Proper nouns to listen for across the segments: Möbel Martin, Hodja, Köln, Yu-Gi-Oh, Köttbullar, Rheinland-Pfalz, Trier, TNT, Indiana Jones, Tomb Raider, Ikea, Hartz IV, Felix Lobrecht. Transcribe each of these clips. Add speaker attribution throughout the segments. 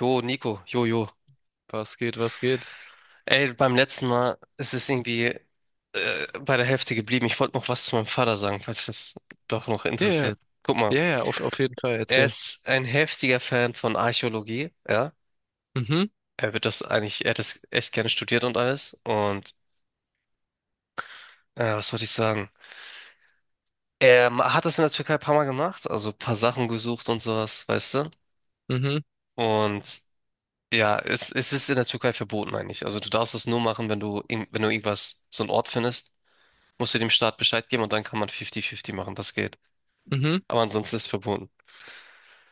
Speaker 1: Jo, Nico, jo, jo.
Speaker 2: Was geht, was geht?
Speaker 1: Ey, beim letzten Mal ist es irgendwie bei der Hälfte geblieben. Ich wollte noch was zu meinem Vater sagen, falls das doch noch
Speaker 2: Ja, ja,
Speaker 1: interessiert. Guck mal,
Speaker 2: ja, ja, auf jeden Fall
Speaker 1: er
Speaker 2: erzähl.
Speaker 1: ist ein heftiger Fan von Archäologie, ja.
Speaker 2: Mhm,
Speaker 1: Er wird das eigentlich, er hat das echt gerne studiert und alles. Und was wollte ich sagen? Hat das in der Türkei ein paar Mal gemacht, also ein paar Sachen gesucht und sowas, weißt du?
Speaker 2: mhm,
Speaker 1: Und ja, es ist in der Türkei verboten eigentlich. Also du darfst es nur machen, wenn wenn du irgendwas, so einen Ort findest. Musst du dem Staat Bescheid geben und dann kann man 50-50 machen, das geht.
Speaker 2: mhm,
Speaker 1: Aber ansonsten ist es verboten.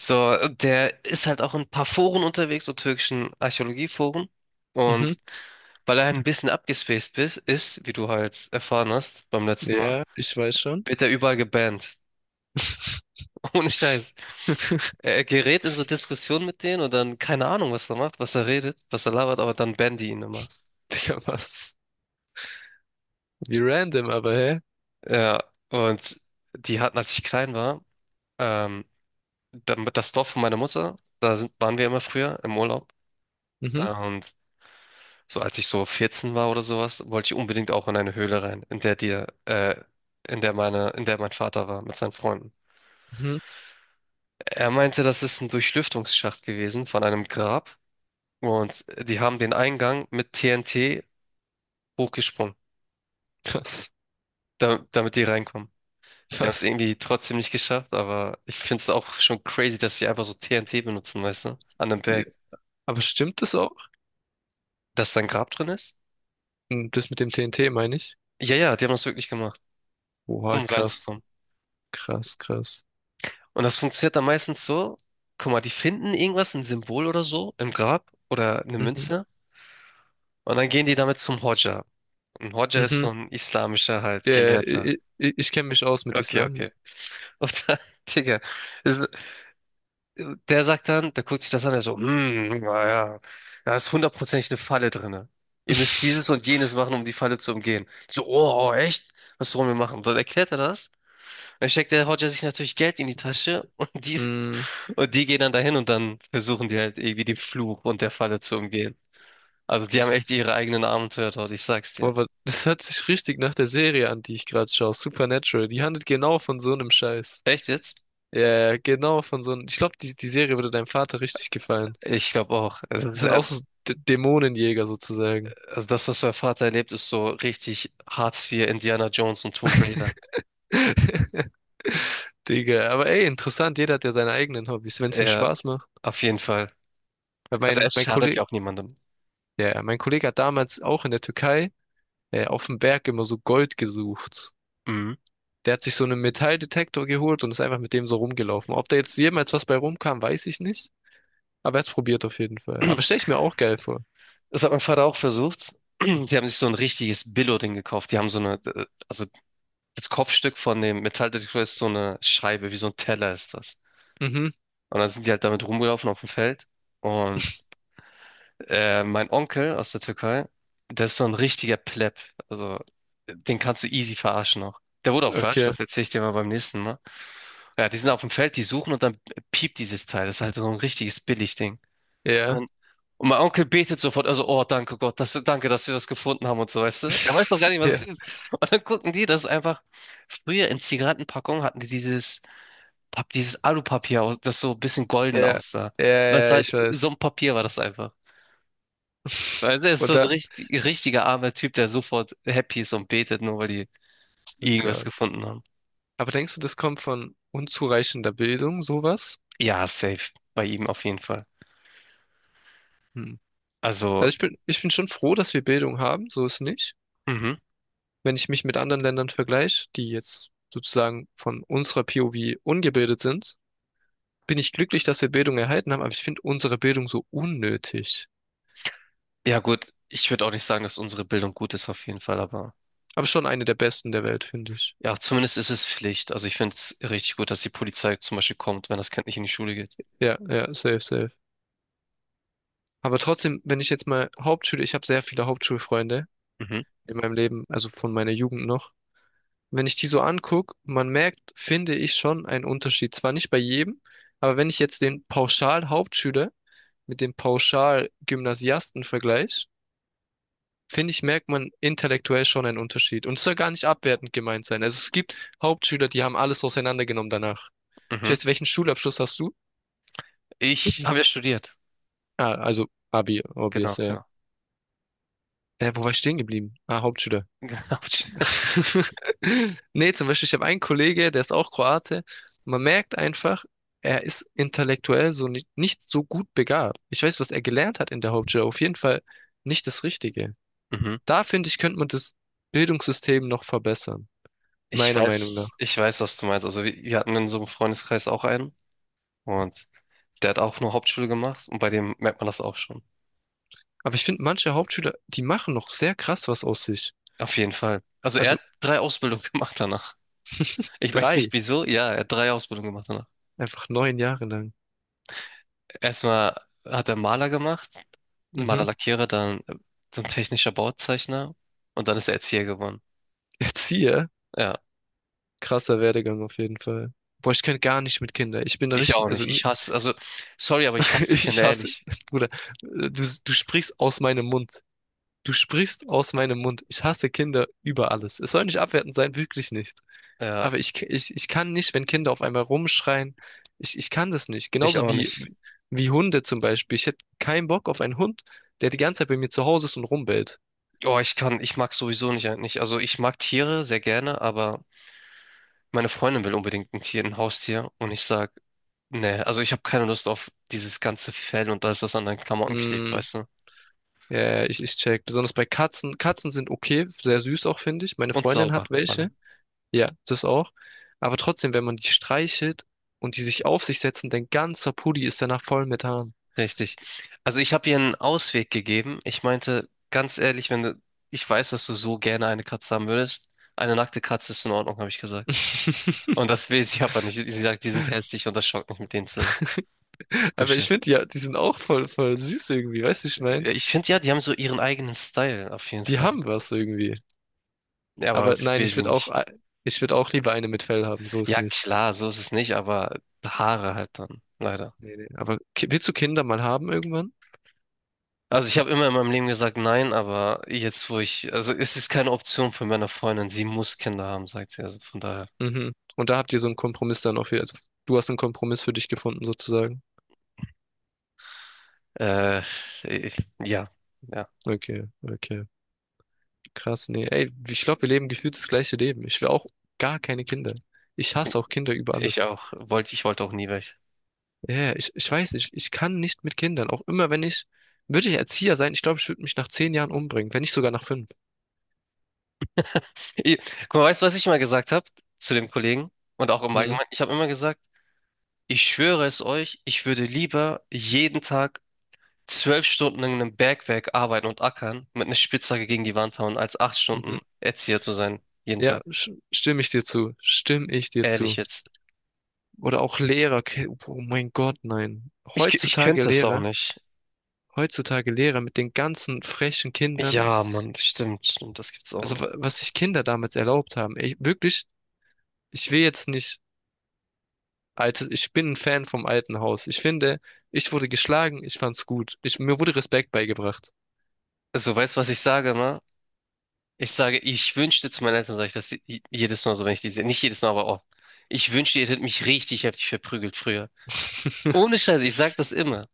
Speaker 1: So, der ist halt auch in ein paar Foren unterwegs, so türkischen Archäologieforen.
Speaker 2: mhm.
Speaker 1: Und weil er halt ein bisschen abgespaced ist, wie du halt erfahren hast beim letzten Mal,
Speaker 2: Ja, ich weiß schon.
Speaker 1: wird er überall gebannt. Ohne Scheiß. Er gerät in so Diskussionen mit denen und dann keine Ahnung, was er macht, was er redet, was er labert, aber dann bannen die ihn immer.
Speaker 2: Digga, was? Wie random, aber hä?
Speaker 1: Ja, und die hatten, als ich klein war, ähm, das Dorf von meiner Mutter, da waren wir immer früher im Urlaub.
Speaker 2: Mhm,
Speaker 1: Und so als ich so 14 war oder sowas, wollte ich unbedingt auch in eine Höhle rein, in der dir, in der meine, in der mein Vater war mit seinen Freunden.
Speaker 2: mhm.
Speaker 1: Er meinte, das ist ein Durchlüftungsschacht gewesen von einem Grab und die haben den Eingang mit TNT hochgesprungen,
Speaker 2: Krass,
Speaker 1: damit die reinkommen. Die haben es
Speaker 2: krass.
Speaker 1: irgendwie trotzdem nicht geschafft, aber ich finde es auch schon crazy, dass sie einfach so TNT benutzen, weißt du, an einem
Speaker 2: Die-
Speaker 1: Berg,
Speaker 2: Aber stimmt das auch?
Speaker 1: dass da ein Grab drin ist.
Speaker 2: Hm, das mit dem TNT meine ich?
Speaker 1: Ja, ja, die haben das wirklich gemacht,
Speaker 2: Oha,
Speaker 1: um
Speaker 2: krass,
Speaker 1: reinzukommen.
Speaker 2: krass, krass.
Speaker 1: Und das funktioniert dann meistens so, guck mal, die finden irgendwas, ein Symbol oder so im Grab oder eine
Speaker 2: Mhm,
Speaker 1: Münze, und dann gehen die damit zum Hodja. Und Hodja ist so
Speaker 2: mhm.
Speaker 1: ein islamischer halt
Speaker 2: Ja, ja,
Speaker 1: Gelehrter.
Speaker 2: ich kenne mich aus mit
Speaker 1: Okay,
Speaker 2: Islam.
Speaker 1: okay. Und dann, Digga, ist, der sagt dann, der guckt sich das an, der so, hm, naja, da ist hundertprozentig eine Falle drinne. Ihr müsst dieses und jenes machen, um die Falle zu umgehen. So, oh, oh, echt? Was sollen wir machen? Und dann erklärt er das. Dann steckt der Hodja sich natürlich Geld in die Tasche,
Speaker 2: Hm,
Speaker 1: und die gehen dann dahin und dann versuchen die halt irgendwie den Fluch und der Falle zu umgehen. Also die haben echt
Speaker 2: Das,
Speaker 1: ihre eigenen Abenteuer dort, ich sag's dir.
Speaker 2: boah, das hört sich richtig nach der Serie an, die ich gerade schaue. Supernatural. Die handelt genau von so einem Scheiß.
Speaker 1: Echt jetzt?
Speaker 2: Ja, genau, von so einem. Ich glaube, die Serie würde deinem Vater richtig gefallen.
Speaker 1: Ich glaube auch.
Speaker 2: Das sind auch so D Dämonenjäger sozusagen.
Speaker 1: Also das, was mein Vater erlebt, ist so richtig Hartz IV, Indiana Jones und Tomb Raider.
Speaker 2: Digga, aber ey, interessant, jeder hat ja seine eigenen Hobbys, wenn es ihm
Speaker 1: Ja,
Speaker 2: Spaß macht.
Speaker 1: auf jeden Fall.
Speaker 2: Weil
Speaker 1: Also
Speaker 2: mein,
Speaker 1: es
Speaker 2: mein
Speaker 1: schadet
Speaker 2: Kollege,
Speaker 1: ja auch niemandem.
Speaker 2: ja, mein Kollege hat damals auch in der Türkei auf dem Berg immer so Gold gesucht.
Speaker 1: Mhm.
Speaker 2: Der hat sich so einen Metalldetektor geholt und ist einfach mit dem so rumgelaufen. Ob da jetzt jemals was bei rumkam, weiß ich nicht. Aber er hat's probiert auf jeden Fall. Aber stell ich mir auch geil vor.
Speaker 1: Das hat mein Vater auch versucht. Die haben sich so ein richtiges Billo-Ding gekauft. Die haben so eine, also das Kopfstück von dem Metalldetektor ist so eine Scheibe, wie so ein Teller ist das.
Speaker 2: Mhm,
Speaker 1: Und dann sind die halt damit rumgelaufen auf dem Feld. Und mein Onkel aus der Türkei, der ist so ein richtiger Pleb. Also, den kannst du easy verarschen noch. Der wurde auch verarscht,
Speaker 2: okay.
Speaker 1: das erzähle ich dir mal beim nächsten Mal. Ja, die sind auf dem Feld, die suchen und dann piept dieses Teil. Das ist halt so ein richtiges Billigding.
Speaker 2: Ja.
Speaker 1: Und, und mein Onkel betet sofort, also, oh, danke Gott, danke, dass wir das gefunden haben und so, weißt du? Er weiß noch gar nicht, was es
Speaker 2: Ja.
Speaker 1: ist. Und dann gucken die, das ist einfach, früher in Zigarettenpackungen hatten die dieses Alupapier, das so ein bisschen
Speaker 2: Ja,
Speaker 1: golden aussah.
Speaker 2: ja,
Speaker 1: Und das
Speaker 2: ja, ja,
Speaker 1: war halt,
Speaker 2: ich
Speaker 1: so
Speaker 2: weiß.
Speaker 1: ein Papier war das einfach. Also er ist so
Speaker 2: Und
Speaker 1: ein
Speaker 2: dann,
Speaker 1: richtiger armer Typ, der sofort happy ist und betet, nur weil die
Speaker 2: oh
Speaker 1: irgendwas
Speaker 2: Gott.
Speaker 1: gefunden haben.
Speaker 2: Aber denkst du, das kommt von unzureichender Bildung, sowas?
Speaker 1: Ja, safe. Bei ihm auf jeden Fall.
Speaker 2: Hm. Also
Speaker 1: Also,
Speaker 2: ich bin schon froh, dass wir Bildung haben, so ist nicht.
Speaker 1: mhm.
Speaker 2: Wenn ich mich mit anderen Ländern vergleiche, die jetzt sozusagen von unserer POV ungebildet sind, bin ich glücklich, dass wir Bildung erhalten haben, aber ich finde unsere Bildung so unnötig.
Speaker 1: Ja, gut. Ich würde auch nicht sagen, dass unsere Bildung gut ist, auf jeden Fall, aber
Speaker 2: Aber schon eine der besten der Welt, finde ich.
Speaker 1: ja, zumindest ist es Pflicht. Also ich finde es richtig gut, dass die Polizei zum Beispiel kommt, wenn das Kind nicht in die Schule geht.
Speaker 2: Ja, ja, safe, safe. Aber trotzdem, wenn ich jetzt mal Hauptschule, ich habe sehr viele Hauptschulfreunde
Speaker 1: Mhm,
Speaker 2: in meinem Leben, also von meiner Jugend noch. Wenn ich die so angucke, man merkt, finde ich schon einen Unterschied. Zwar nicht bei jedem, aber wenn ich jetzt den Pauschal-Hauptschüler mit dem Pauschal-Gymnasiasten vergleiche, finde ich, merkt man intellektuell schon einen Unterschied. Und es soll gar nicht abwertend gemeint sein. Also es gibt Hauptschüler, die haben alles auseinandergenommen danach. Ich
Speaker 1: mhm.
Speaker 2: weiß, welchen Schulabschluss hast du?
Speaker 1: Ich habe ja studiert.
Speaker 2: Ah, also Abi,
Speaker 1: Genau,
Speaker 2: obvious, ja.
Speaker 1: genau.
Speaker 2: Wo war ich stehen geblieben? Ah, Hauptschüler.
Speaker 1: Genau.
Speaker 2: Nee, zum Beispiel, ich habe einen Kollege, der ist auch Kroate. Man merkt einfach, er ist intellektuell so nicht so gut begabt. Ich weiß, was er gelernt hat in der Hauptschule, auf jeden Fall nicht das Richtige.
Speaker 1: Mhm.
Speaker 2: Da finde ich, könnte man das Bildungssystem noch verbessern, meiner Meinung nach.
Speaker 1: Ich weiß, was du meinst. Also wir hatten in so einem Freundeskreis auch einen, und der hat auch nur Hauptschule gemacht und bei dem merkt man das auch schon.
Speaker 2: Aber ich finde, manche Hauptschüler, die machen noch sehr krass was aus sich.
Speaker 1: Auf jeden Fall. Also er
Speaker 2: Also
Speaker 1: hat drei Ausbildungen gemacht danach. Ich weiß nicht
Speaker 2: drei,
Speaker 1: wieso. Ja, er hat drei Ausbildungen gemacht danach.
Speaker 2: einfach 9 Jahre lang.
Speaker 1: Erstmal hat er Maler gemacht,
Speaker 2: Mhm.
Speaker 1: Malerlackierer, dann so ein technischer Bauzeichner und dann ist er Erzieher geworden.
Speaker 2: Erzieher,
Speaker 1: Ja,
Speaker 2: krasser Werdegang auf jeden Fall. Boah, ich könnte gar nicht mit Kindern. Ich bin da
Speaker 1: ich auch
Speaker 2: richtig,
Speaker 1: nicht.
Speaker 2: also
Speaker 1: Ich hasse, also sorry, aber ich hasse
Speaker 2: ich
Speaker 1: Kinder,
Speaker 2: hasse,
Speaker 1: ehrlich.
Speaker 2: Bruder, du, du sprichst aus meinem Mund. Du sprichst aus meinem Mund. Ich hasse Kinder über alles. Es soll nicht abwertend sein, wirklich nicht.
Speaker 1: Ja,
Speaker 2: Aber ich kann nicht, wenn Kinder auf einmal rumschreien. Ich kann das nicht.
Speaker 1: ich
Speaker 2: Genauso
Speaker 1: auch
Speaker 2: wie,
Speaker 1: nicht.
Speaker 2: wie Hunde zum Beispiel. Ich hätte keinen Bock auf einen Hund, der die ganze Zeit bei mir zu Hause ist und rumbellt.
Speaker 1: Oh, ich kann, ich mag sowieso nicht eigentlich. Also ich mag Tiere sehr gerne, aber meine Freundin will unbedingt ein Tier, ein Haustier, und ich sag, nee, also ich habe keine Lust auf dieses ganze Fell und alles, was an deinen Klamotten klebt,
Speaker 2: Mm,
Speaker 1: weißt du?
Speaker 2: ja, ich check. Besonders bei Katzen. Katzen sind okay, sehr süß auch, finde ich. Meine
Speaker 1: Und
Speaker 2: Freundin
Speaker 1: sauber,
Speaker 2: hat
Speaker 1: vor allem.
Speaker 2: welche. Ja, das auch. Aber trotzdem, wenn man die streichelt und die sich auf sich setzen, dein ganzer Pulli ist danach voll mit Haaren.
Speaker 1: Richtig. Also ich habe ihr einen Ausweg gegeben. Ich meinte, ganz ehrlich, wenn du, ich weiß, dass du so gerne eine Katze haben würdest. Eine nackte Katze ist in Ordnung, habe ich gesagt. Und das will sie aber nicht. Sie sagt, die sind hässlich und das schockt mich, mit denen zu
Speaker 2: Aber ich
Speaker 1: kuscheln.
Speaker 2: finde ja, die sind auch voll, voll süß irgendwie, weißt du, ich mein?
Speaker 1: Ich finde ja, die haben so ihren eigenen Style, auf jeden
Speaker 2: Die
Speaker 1: Fall.
Speaker 2: haben was irgendwie.
Speaker 1: Ja, aber
Speaker 2: Aber
Speaker 1: das
Speaker 2: nein,
Speaker 1: will sie nicht.
Speaker 2: ich würde auch lieber eine mit Fell haben, so ist
Speaker 1: Ja,
Speaker 2: nicht.
Speaker 1: klar, so ist es nicht, aber Haare halt dann, leider.
Speaker 2: Nee, nee. Aber willst du Kinder mal haben irgendwann?
Speaker 1: Also ich habe immer in meinem Leben gesagt nein, aber jetzt wo ich, also es ist keine Option für meine Freundin, sie muss Kinder haben, sagt sie. Also von daher,
Speaker 2: Mhm. Und da habt ihr so einen Kompromiss dann auf, also du hast einen Kompromiss für dich gefunden sozusagen.
Speaker 1: äh, ich, ja, ja.
Speaker 2: Okay, okay. Krass, nee. Ey, ich glaube, wir leben gefühlt das gleiche Leben. Ich will auch gar keine Kinder. Ich hasse auch Kinder über alles.
Speaker 1: Ich wollte auch nie weg.
Speaker 2: Ja, ja, ich weiß nicht, ich kann nicht mit Kindern. Auch immer, wenn ich, würde ich Erzieher sein, ich glaube, ich würde mich nach 10 Jahren umbringen, wenn nicht sogar nach 5.
Speaker 1: Ich, guck mal, weißt du, was ich immer gesagt habe zu dem Kollegen und auch im
Speaker 2: Hm,
Speaker 1: Allgemeinen? Ich habe immer gesagt, ich schwöre es euch, ich würde lieber jeden Tag 12 Stunden in einem Bergwerk arbeiten und ackern, mit einer Spitzhacke gegen die Wand hauen, als 8 Stunden
Speaker 2: mhm.
Speaker 1: Erzieher zu sein, jeden
Speaker 2: Ja,
Speaker 1: Tag.
Speaker 2: stimme ich dir zu. Stimme ich dir
Speaker 1: Ehrlich
Speaker 2: zu.
Speaker 1: jetzt.
Speaker 2: Oder auch Lehrer. Oh mein Gott, nein.
Speaker 1: Ich könnte es auch nicht.
Speaker 2: Heutzutage Lehrer mit den ganzen frechen Kindern
Speaker 1: Ja,
Speaker 2: ist,
Speaker 1: Mann, stimmt, stimmt, das gibt's auch
Speaker 2: also
Speaker 1: noch.
Speaker 2: was sich Kinder damals erlaubt haben. Ey, wirklich, ich will jetzt nicht Altes, ich bin ein Fan vom alten Haus. Ich finde, ich wurde geschlagen, ich fand's gut. Mir wurde Respekt beigebracht.
Speaker 1: Also, weißt du, was ich sage immer? Ich sage, ich wünschte zu meinen Eltern, sage ich jedes Mal so, wenn ich die sehe. Nicht jedes Mal, aber oft. Ich wünschte, ihr hättet mich richtig heftig verprügelt früher. Ohne Scheiße, ich sag das immer.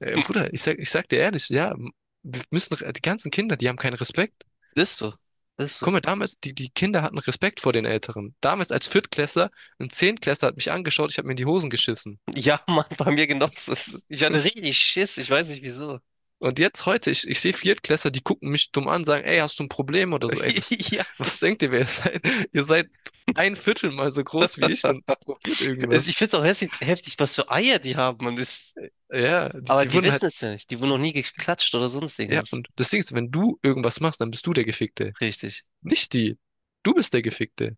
Speaker 2: Bruder, ich sag dir ehrlich, ja, wir müssen, die ganzen Kinder, die haben keinen Respekt.
Speaker 1: Das ist so. Das ist so.
Speaker 2: Guck mal, damals, die Kinder hatten Respekt vor den Älteren. Damals als Viertklässler, ein Zehntklässler hat mich angeschaut, ich habe mir in die Hosen geschissen.
Speaker 1: Ja, Mann, bei mir genauso. Es ist- Ich hatte richtig Schiss, ich weiß nicht wieso.
Speaker 2: Und jetzt heute, ich sehe Viertklässler, die gucken mich dumm an, sagen, ey, hast du ein Problem oder so? Ey, was,
Speaker 1: Ja, es
Speaker 2: was
Speaker 1: ist.
Speaker 2: denkt ihr, wer ihr seid? Ihr seid ein Viertel mal so groß wie ich und probiert
Speaker 1: Also ich
Speaker 2: irgendwas.
Speaker 1: finde es auch hässlich, heftig, was für Eier die haben. Und ist,
Speaker 2: Ja, die,
Speaker 1: aber
Speaker 2: die
Speaker 1: die
Speaker 2: wurden halt.
Speaker 1: wissen es ja nicht. Die wurden noch nie geklatscht oder sonst
Speaker 2: Ja,
Speaker 1: irgendwas.
Speaker 2: und das Ding ist, wenn du irgendwas machst, dann bist du der Gefickte.
Speaker 1: Richtig.
Speaker 2: Nicht die. Du bist der Gefickte.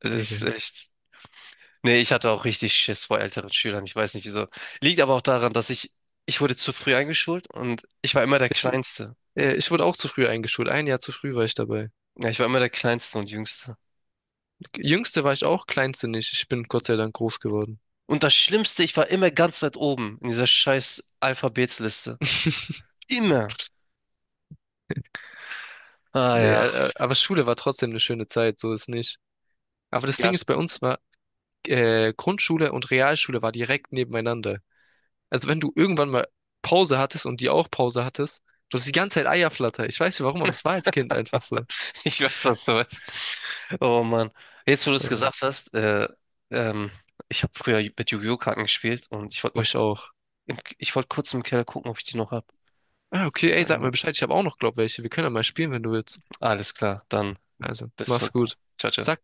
Speaker 1: Das ist
Speaker 2: Digga.
Speaker 1: echt. Nee, ich hatte auch richtig Schiss vor älteren Schülern. Ich weiß nicht wieso. Liegt aber auch daran, ich wurde zu früh eingeschult und ich war immer der
Speaker 2: Ich, wu-
Speaker 1: Kleinste.
Speaker 2: Ich wurde auch zu früh eingeschult. Ein Jahr zu früh war ich dabei.
Speaker 1: Ja, ich war immer der Kleinste und Jüngste.
Speaker 2: Jüngste war ich auch, kleinste nicht. Ich bin Gott sei Dank groß geworden.
Speaker 1: Und das Schlimmste, ich war immer ganz weit oben in dieser scheiß Alphabetsliste. Immer. Ah
Speaker 2: Nee,
Speaker 1: ja.
Speaker 2: aber Schule war trotzdem eine schöne Zeit, so ist nicht. Aber das
Speaker 1: Ja.
Speaker 2: Ding ist, bei uns war Grundschule und Realschule war direkt nebeneinander. Also wenn du irgendwann mal Pause hattest und die auch Pause hattest, du hast die ganze Zeit Eierflatter. Ich weiß nicht warum, aber es war als Kind einfach so.
Speaker 1: Ich weiß, was du meinst. Oh Mann. Jetzt, wo du es
Speaker 2: Äh,
Speaker 1: gesagt hast, ähm, ich habe früher mit Yu-Gi-Oh! Karten gespielt und ich wollte noch,
Speaker 2: Ich auch.
Speaker 1: ich wollte kurz im Keller gucken, ob ich die noch hab.
Speaker 2: Ah, okay, ey, sag mal
Speaker 1: Einmal.
Speaker 2: Bescheid. Ich habe auch noch, glaub, welche. Wir können ja mal spielen, wenn du willst.
Speaker 1: Alles klar,
Speaker 2: Also,
Speaker 1: bis,
Speaker 2: mach's gut.
Speaker 1: ciao, ciao.
Speaker 2: Sag